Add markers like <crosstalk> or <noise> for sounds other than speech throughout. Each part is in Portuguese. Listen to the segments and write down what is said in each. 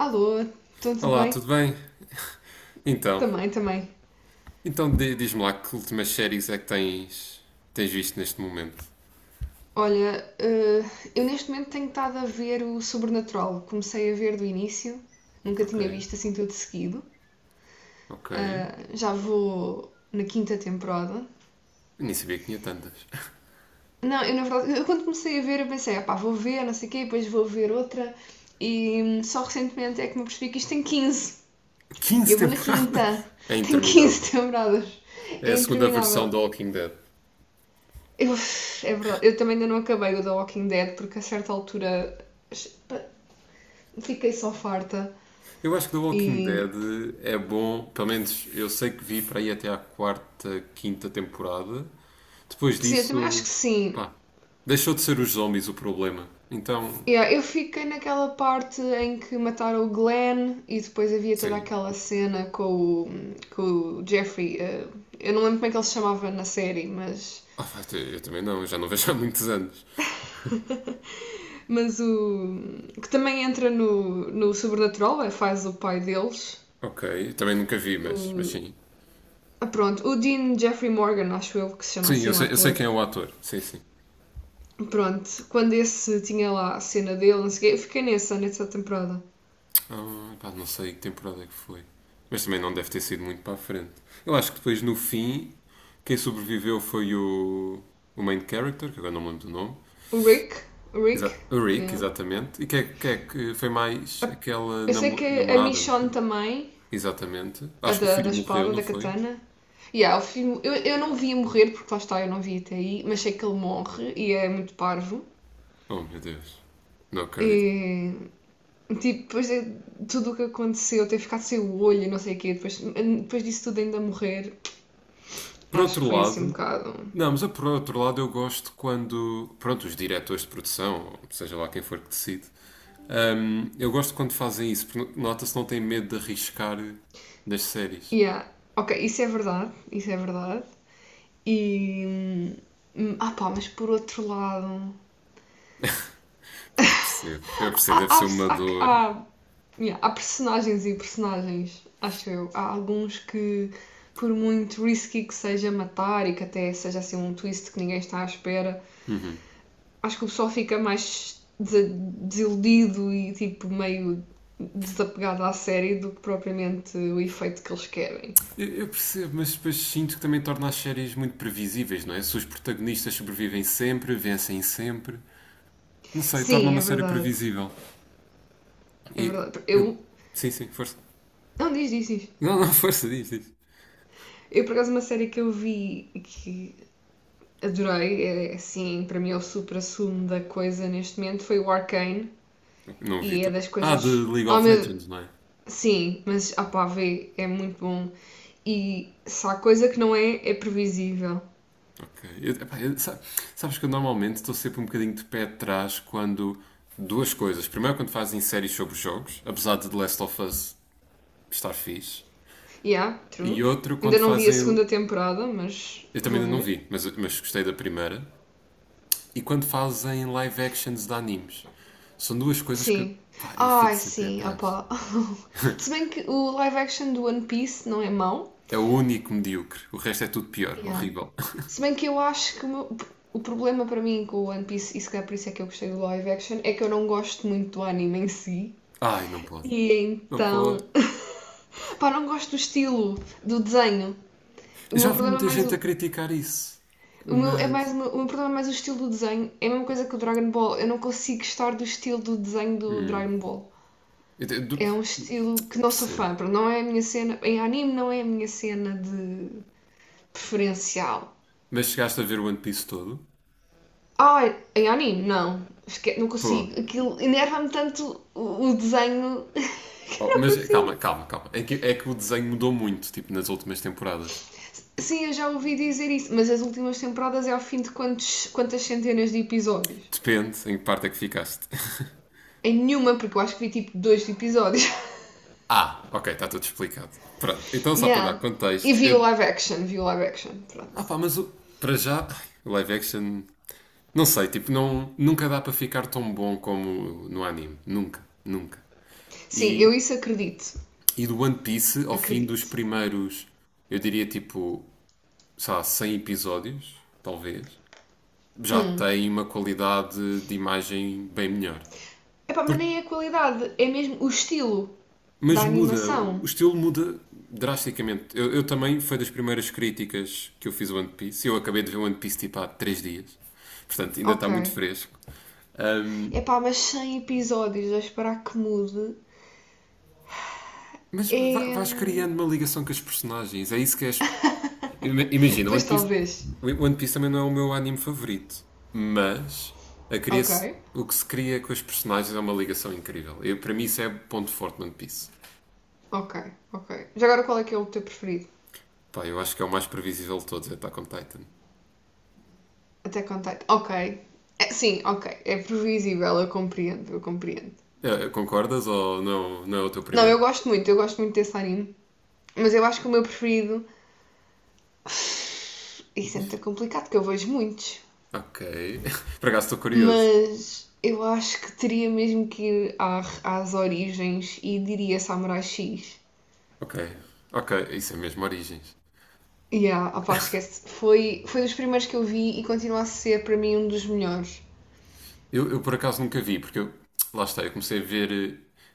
Alô, então tudo Olá, bem? tudo bem? Então, Também, também. então, diz-me lá que últimas séries é que tens visto neste momento? Olha, eu neste momento tenho estado a ver o Sobrenatural. Comecei a ver do início, nunca Ok, tinha visto assim tudo seguido. ok. Já vou na quinta temporada. Nem sabia que tinha tantas. <laughs> Não, eu na verdade, eu quando comecei a ver, eu pensei, ah pá, vou ver, não sei o quê, depois vou ver outra. E só recentemente é que me percebi que isto tem 15. E 15 eu vou na quinta. temporadas? É <laughs> Tem 15 interminável. temporadas. É a É segunda versão interminável. do Walking Dead. Eu, é verdade, eu também ainda não acabei o The Walking Dead porque a certa altura fiquei só farta Eu acho que The Walking e Dead é bom, pelo menos eu sei que vi para aí até à quarta, quinta temporada. Depois sim, eu também acho disso, que sim. pá, deixou de ser os zombies o problema. Então, Yeah, eu fiquei naquela parte em que mataram o Glenn e depois havia toda sim. aquela cena com com o Jeffrey. Eu não lembro como é que ele se chamava na série, Ah, pá, eu também não, eu já não vejo há muitos anos. mas o. Que também entra no Sobrenatural, é, faz o pai deles. Ok, também nunca vi, mas O, sim. Pronto, o Dean Jeffrey Morgan, acho eu que se chama Sim, assim o eu sei ator. quem é o ator. Sim, sim. Pronto, quando esse tinha lá a cena dele, não sei o quê, eu fiquei nessa temporada. Ah, pá, não sei que temporada é que foi. Mas também não deve ter sido muito para a frente. Eu acho que depois, no fim, quem sobreviveu foi o main character, que agora não me lembro do nome. O Rick, o Rick, O Rick, yeah. exatamente. E quem é que foi mais aquela Eu sei namo- que a namorada, não Michonne foi? também, Exatamente. a Acho que o da filho morreu, espada, não da foi? katana. Yeah, o filme, eu não vi morrer, porque lá está, eu não vi até aí, mas sei que ele morre e é muito parvo. Oh, meu Deus. Não acredito. E, tipo, depois de tudo o que aconteceu, ter ficado sem o olho e não sei o quê, depois disso tudo ainda morrer, Por acho que outro foi assim um lado, bocado. não, mas eu, por outro lado eu gosto quando, pronto, os diretores de produção, seja lá quem for que decide, eu gosto quando fazem isso, porque nota-se que não têm medo de arriscar nas séries. Yeah, ok, isso é verdade. E. hum, Ah pá, mas por outro lado. Pá, eu percebo, Há, deve ser há, uma há, dor. há- yeah, há personagens e personagens, acho eu. Há alguns que, por muito risky que seja matar e que até seja assim um twist que ninguém está à espera, acho que o pessoal fica mais desiludido e tipo meio desapegado à série do que propriamente o efeito que eles querem. Eu percebo, mas depois sinto que também torna as séries muito previsíveis, não é? Se os protagonistas sobrevivem sempre, vencem sempre, não sei, torna Sim, é uma série verdade. previsível. É E verdade. eu, Eu. sim, sim, força. Não, diz. Não, não, força, diz, diz. Eu, por acaso, uma série que eu vi que adorei, é, assim, para mim é o supra-sumo da coisa neste momento, foi o Arcane, Não vi. e é das Ah, de coisas... League Oh, of meu... Legends, não é? Sim, mas, ah pá, vê, é muito bom. E se há coisa que não é, é previsível. Ok. Sabes que eu normalmente estou sempre um bocadinho de pé atrás quando. Duas coisas. Primeiro, quando fazem séries sobre jogos, apesar de The Last of Us estar fixe. Yeah, true. E outro, quando Ainda não vi a fazem. segunda temporada, mas Eu também vou ainda não ver. vi, mas gostei da primeira. E quando fazem live actions de animes. São duas coisas que. Sim. Pá, eu fico Ai, sempre sim, atrás. opá. <laughs> Se bem que o live action do One Piece não é mau. É o único medíocre. O resto é tudo pior, Yeah. horrível. <laughs> Se bem que eu acho que o problema para mim com o One Piece, e se calhar por isso é que eu gostei do live action, é que eu não gosto muito do anime em si. Ai, não pode. E Não pode. então. <laughs> Pá, não gosto do estilo do desenho. O Eu já meu vi problema é muita mais gente a o. criticar isso, O meu, é mais, mas. o o meu problema é mais o estilo do desenho. É a mesma coisa que o Dragon Ball. Eu não consigo gostar do estilo do desenho do Hum, Dragon Ball. eu te- do- É um estilo que não sou Percebo. fã. Pronto, não é a minha cena. Em anime não é a minha cena de preferencial. Mas chegaste a ver o One Piece todo? Ai, em anime, não. Não Pô. consigo. Aquilo enerva-me tanto o desenho <laughs> Oh, que eu não mas calma, consigo. calma, calma. É que o desenho mudou muito, tipo, nas últimas temporadas. Sim, eu já ouvi dizer isso, mas as últimas temporadas é ao fim de quantas centenas de episódios? Depende em que parte é que ficaste. <laughs> Em nenhuma, porque eu acho que vi tipo dois episódios. <laughs> Ah, ok, está tudo explicado. Pronto, então só para dar Yeah. E contexto, eu. Vi o live action, pronto. Ah pá, mas o, para já, ai, o live action, não sei, tipo, não, nunca dá para ficar tão bom como no anime. Nunca, nunca. Sim, eu E isso acredito. E do One Piece, ao fim dos Acredito. primeiros, eu diria tipo, sei lá, 100 episódios, talvez, já Hum. tem uma qualidade de imagem bem melhor. Epá, mas Por- nem é a qualidade, é mesmo o estilo da Mas muda, animação. o estilo muda drasticamente. Eu também, foi das primeiras críticas que eu fiz ao One Piece. Eu acabei de ver o One Piece tipo há 3 dias, portanto ainda está Ok. muito fresco. Ahm, Epá, mas 100 episódios a esperar que mude. mas va- É. vais criando uma ligação com as personagens, é isso que é. Ima- <laughs> Imagina, One Pois Piece, talvez. One Piece também não é o meu anime favorito, mas a cria Ok, o que se cria com os personagens é uma ligação incrível. Eu, para mim, isso é o ponto forte no One Piece. ok, ok. Já agora qual é que é o teu preferido? Pá, eu acho que é o mais previsível de todos, é Attack on Titan. Até contato. Ok. É, sim, ok. É previsível, eu compreendo. Concordas ou não, não é o teu Não, primeiro? Eu gosto muito desse anime. Mas eu acho que o meu preferido. Isso é muito Difí- complicado, porque eu vejo muitos. Ok. <laughs> Por acaso estou curioso. Mas eu acho que teria mesmo que ir às origens e diria Samurai X. Ok, ok, isso é mesmo Origens. Yeah, opá, esquece. Foi dos primeiros que eu vi e continua a ser para mim um dos melhores. Eu por acaso nunca vi, porque eu, lá está, eu comecei a ver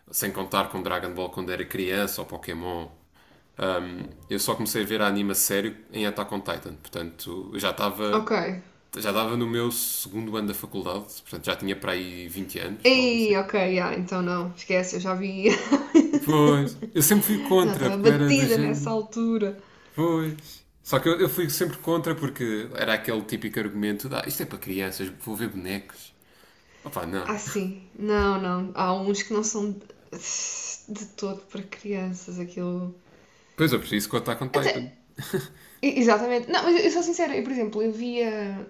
sem contar com Dragon Ball quando era criança ou Pokémon. Eu só comecei a ver a anime a sério em Attack on Titan, portanto eu já estava Ok. já estava no meu segundo ano da faculdade, portanto já tinha para aí 20 anos, algo assim. Ei, ok, ah, então não, esquece, eu já vi. <laughs> Pois, eu sempre fui Já contra, estava porque eu era do batida nessa género. altura. Pois. Só que eu fui sempre contra porque era aquele típico argumento de ah, isto é para crianças, vou ver bonecos. Opá, não. Ah, sim, não, não. Há uns que não são de todo para crianças, aquilo. Pois eu preciso contar com o Attack on Titan. Até, exatamente. Não, mas eu sou sincera, eu, por exemplo, eu via.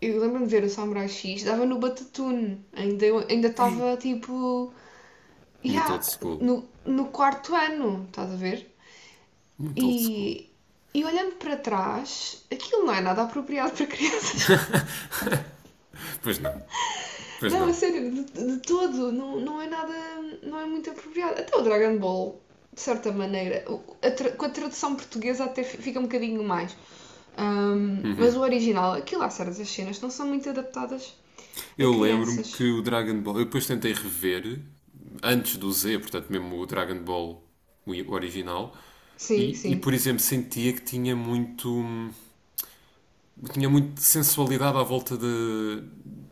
Eu lembro-me de ver o Samurai X, dava no Batatune, ainda ainda Ei. estava tipo. Muito old Yeah, school. No quarto ano, estás a ver? Muito old school. E, e olhando para trás, aquilo não é nada apropriado para crianças. <laughs> Pois não. Pois Não, a não. sério, de todo, não, não é nada, não é muito apropriado. Até o Dragon Ball, de certa maneira, com a tradução portuguesa até fica um bocadinho mais. Mas Uhum. o original, aquilo há certas cenas que não são muito adaptadas a Eu lembro-me que crianças. o Dragon Ball. Eu depois tentei rever, antes do Z, portanto, mesmo o Dragon Ball o original. Sim, E, sim. por exemplo, sentia que Tinha muito. Sensualidade à volta de.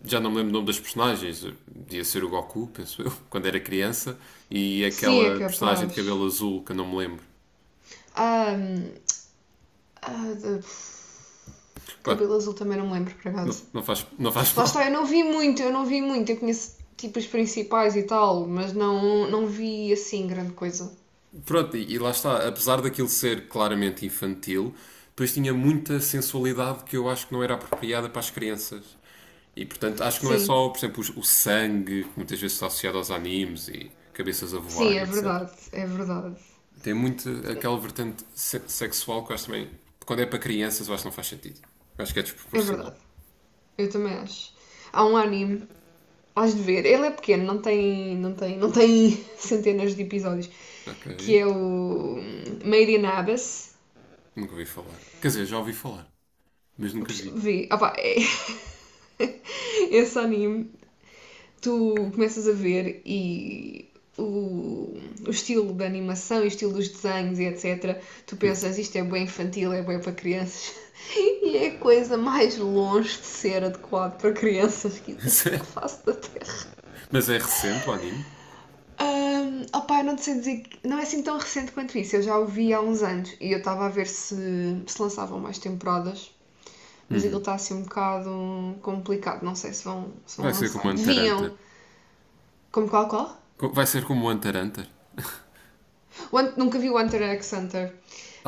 Já não me lembro o nome das personagens. Podia ser o Goku, penso eu, <laughs> quando era criança. E Sim, é aquela personagem de cabelo capaz. azul que eu não me lembro. Ahm, ah, de- Bom, Cabelo azul também não me lembro, por acaso. não, não, não faz <laughs> Lá mal. está, eu não vi muito. Eu conheço tipo os principais e tal, mas não, não vi assim grande coisa. Pronto, e, lá está, apesar daquilo ser claramente infantil, depois tinha muita sensualidade que eu acho que não era apropriada para as crianças. E portanto, acho que não é Sim, só, por exemplo, o sangue, que muitas vezes está associado aos animes e cabeças a sim, voar e etc. Tem muito aquela vertente sexual que eu acho também, quando é para crianças, eu acho que não faz sentido. Eu acho que é é desproporcional. verdade. Eu também acho. Há um anime, has de ver, ele é pequeno, não tem <laughs> centenas de episódios, Ok, que é o Made in Abyss. nunca ouvi falar. Quer dizer, já ouvi falar, mas nunca vi. Vê, opa, é... <laughs> Esse anime tu começas a ver e o, o estilo da animação e o estilo dos desenhos e etc., tu pensas isto é bem infantil, é bem para crianças. <laughs> E é a coisa mais longe de ser adequado para crianças que <laughs> existe à Sério? face da Terra. Mas é recente o anime? Um, opa, não te sei dizer não é assim tão recente quanto isso. Eu já o vi há uns anos e eu estava a ver se lançavam mais temporadas, mas aquilo Uhum. está assim um bocado complicado. Não sei se vão Vai ser lançar. como Hunter x Hunter. Deviam. Como qual qual? Vai ser como o Hunter x Hunter? Nunca vi o Hunter x Hunter,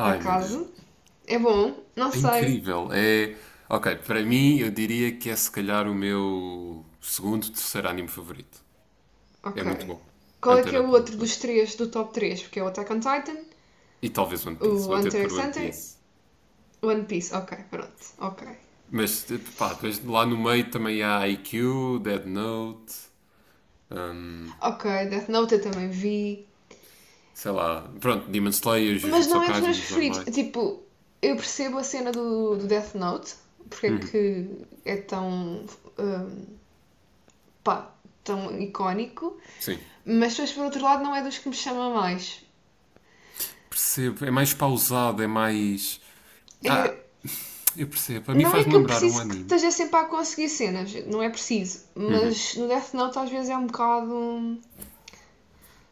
por meu acaso. Deus. É bom? Não É sei. incrível. É. Ok, para mim eu diria que é se calhar o meu segundo, terceiro anime favorito. É Ok. muito bom. Qual é Hunter que é x o Hunter é outro muito bom. dos três, do top 3? Porque é o Attack on Titan, E talvez One Piece. o Vou ter de Hunter pôr x One Hunter, Piece. One Piece. Ok, pronto. Ok. Mas tipo, pá, depois lá no meio também há IQ, Dead Note, hum, Ok, Death Note eu também vi. sei lá. Pronto, Demon Slayer, Mas Jujutsu não é dos meus Kaisen, os preferidos. normais. Tipo, eu percebo a cena do Death Note, porque é que é tão. Hum, pá, tão icónico, Sim. mas depois por outro lado não é dos que me chama mais. Percebo. É mais pausado, é mais. Ah, É. eu percebo. A mim Não é faz-me que eu lembrar um preciso que anime. esteja sempre a conseguir cenas, não é preciso, mas no Death Note às vezes é um bocado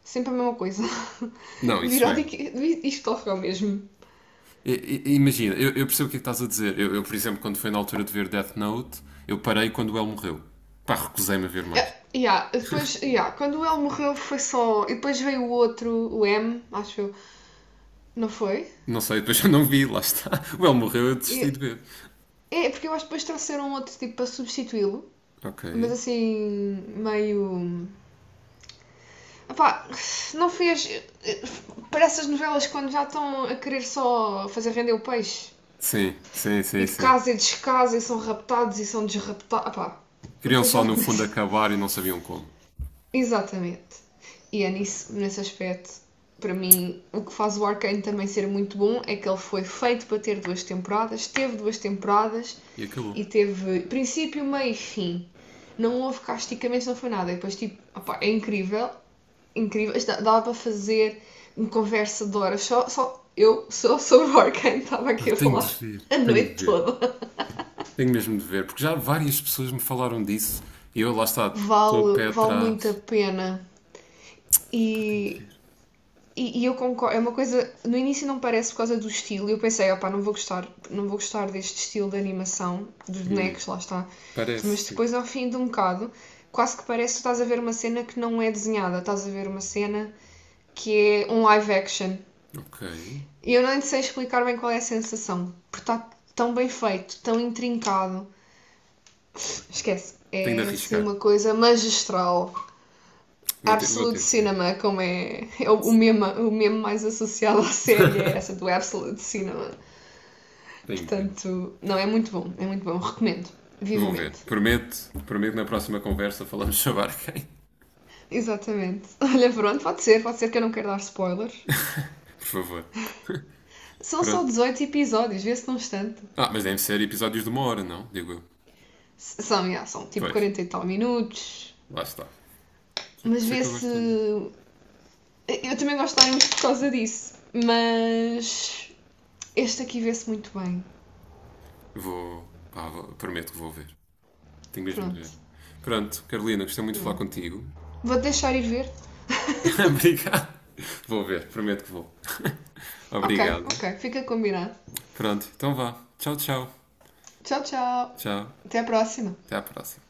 sempre a mesma coisa. <laughs> Não, isso Virou é. Viródico, isto ocorreu mesmo. Imagina, eu percebo o que é que estás a dizer. Eu, por exemplo, quando foi na altura de ver Death Note, eu parei quando o El morreu. Pá, recusei-me a ver mais. É, yeah, depois, yeah, quando o L morreu foi só. E depois veio o outro, o M, acho eu, não foi? Não sei, depois <laughs> eu não vi, lá está. O El morreu, eu desisti E- de ver. É, porque eu acho que depois trouxeram um outro tipo para substituí-lo, Ok. mas assim, meio. Epá, não fez. Para essas novelas quando já estão a querer só fazer render o peixe. Sim, sim, sim, E de sim. casa e descasa e são raptados e são desraptados. Epá, Queriam depois só, já no fundo, começa. acabar e não sabiam como. <laughs> Exatamente. E é nisso, nesse aspecto, para mim, o que faz o Arcane também ser muito bom é que ele foi feito para ter duas temporadas, teve duas temporadas E acabou. e teve princípio, meio e fim. Não houve casticamente, não foi nada. E depois, tipo, opá, é incrível, incrível. Dava para fazer uma conversa de horas só, só eu só sobre o Arcane, <laughs> estava Ah, aqui a tenho de falar ver, a tenho de noite ver. toda. Tenho mesmo de ver, porque já várias pessoas me falaram disso e eu, lá está, estou a pé Vale muito a atrás. pena. Pá, tenho de E, ver. E eu concordo, é uma coisa, no início não parece por causa do estilo, eu pensei, opá, não vou gostar deste estilo de animação, dos bonecos, lá está. Parece, Mas sim. depois, ao fim de um bocado, quase que parece que estás a ver uma cena que não é desenhada, estás a ver uma cena que é um live action. Ok. E eu nem sei explicar bem qual é a sensação, porque está tão bem feito, tão intrincado. Esquece, Tenho de é assim arriscar. uma coisa magistral. Vou ter, vou Absolute ter de ver. Cinema, como é, é meme, o meme mais associado à série, é essa do Absolute Cinema. Tenho de ver. Portanto, não, é muito bom, recomendo, Vou ver. vivamente. Prometo, prometo na próxima conversa falamos sobre Arkane. Exatamente. <laughs> Olha, pronto, pode ser que eu não quero dar spoilers. <laughs> Por favor. São só Pronto. 18 episódios, vê-se num instante. Ah, mas devem ser episódios de 1 hora, não? Digo eu. São, já, são tipo Pois, 40 e tal minutos, lá está. Por mas isso é que eu gosto tanto. vê-se. Eu também gosto de dar muito por causa disso, mas este aqui vê-se muito bem. Vou. Pá, prometo que vou ver. Tenho mesmo de Pronto, ver. Pronto, Carolina, gostei muito de falar yeah. contigo. Vou deixar ir ver, <laughs> Obrigado. Vou ver, prometo que vou. <laughs> Ok, Obrigado. ok. Fica combinado. Pronto, então vá. Tchau, tchau. Tchau, tchau. Tchau. Até a próxima. Até à próxima.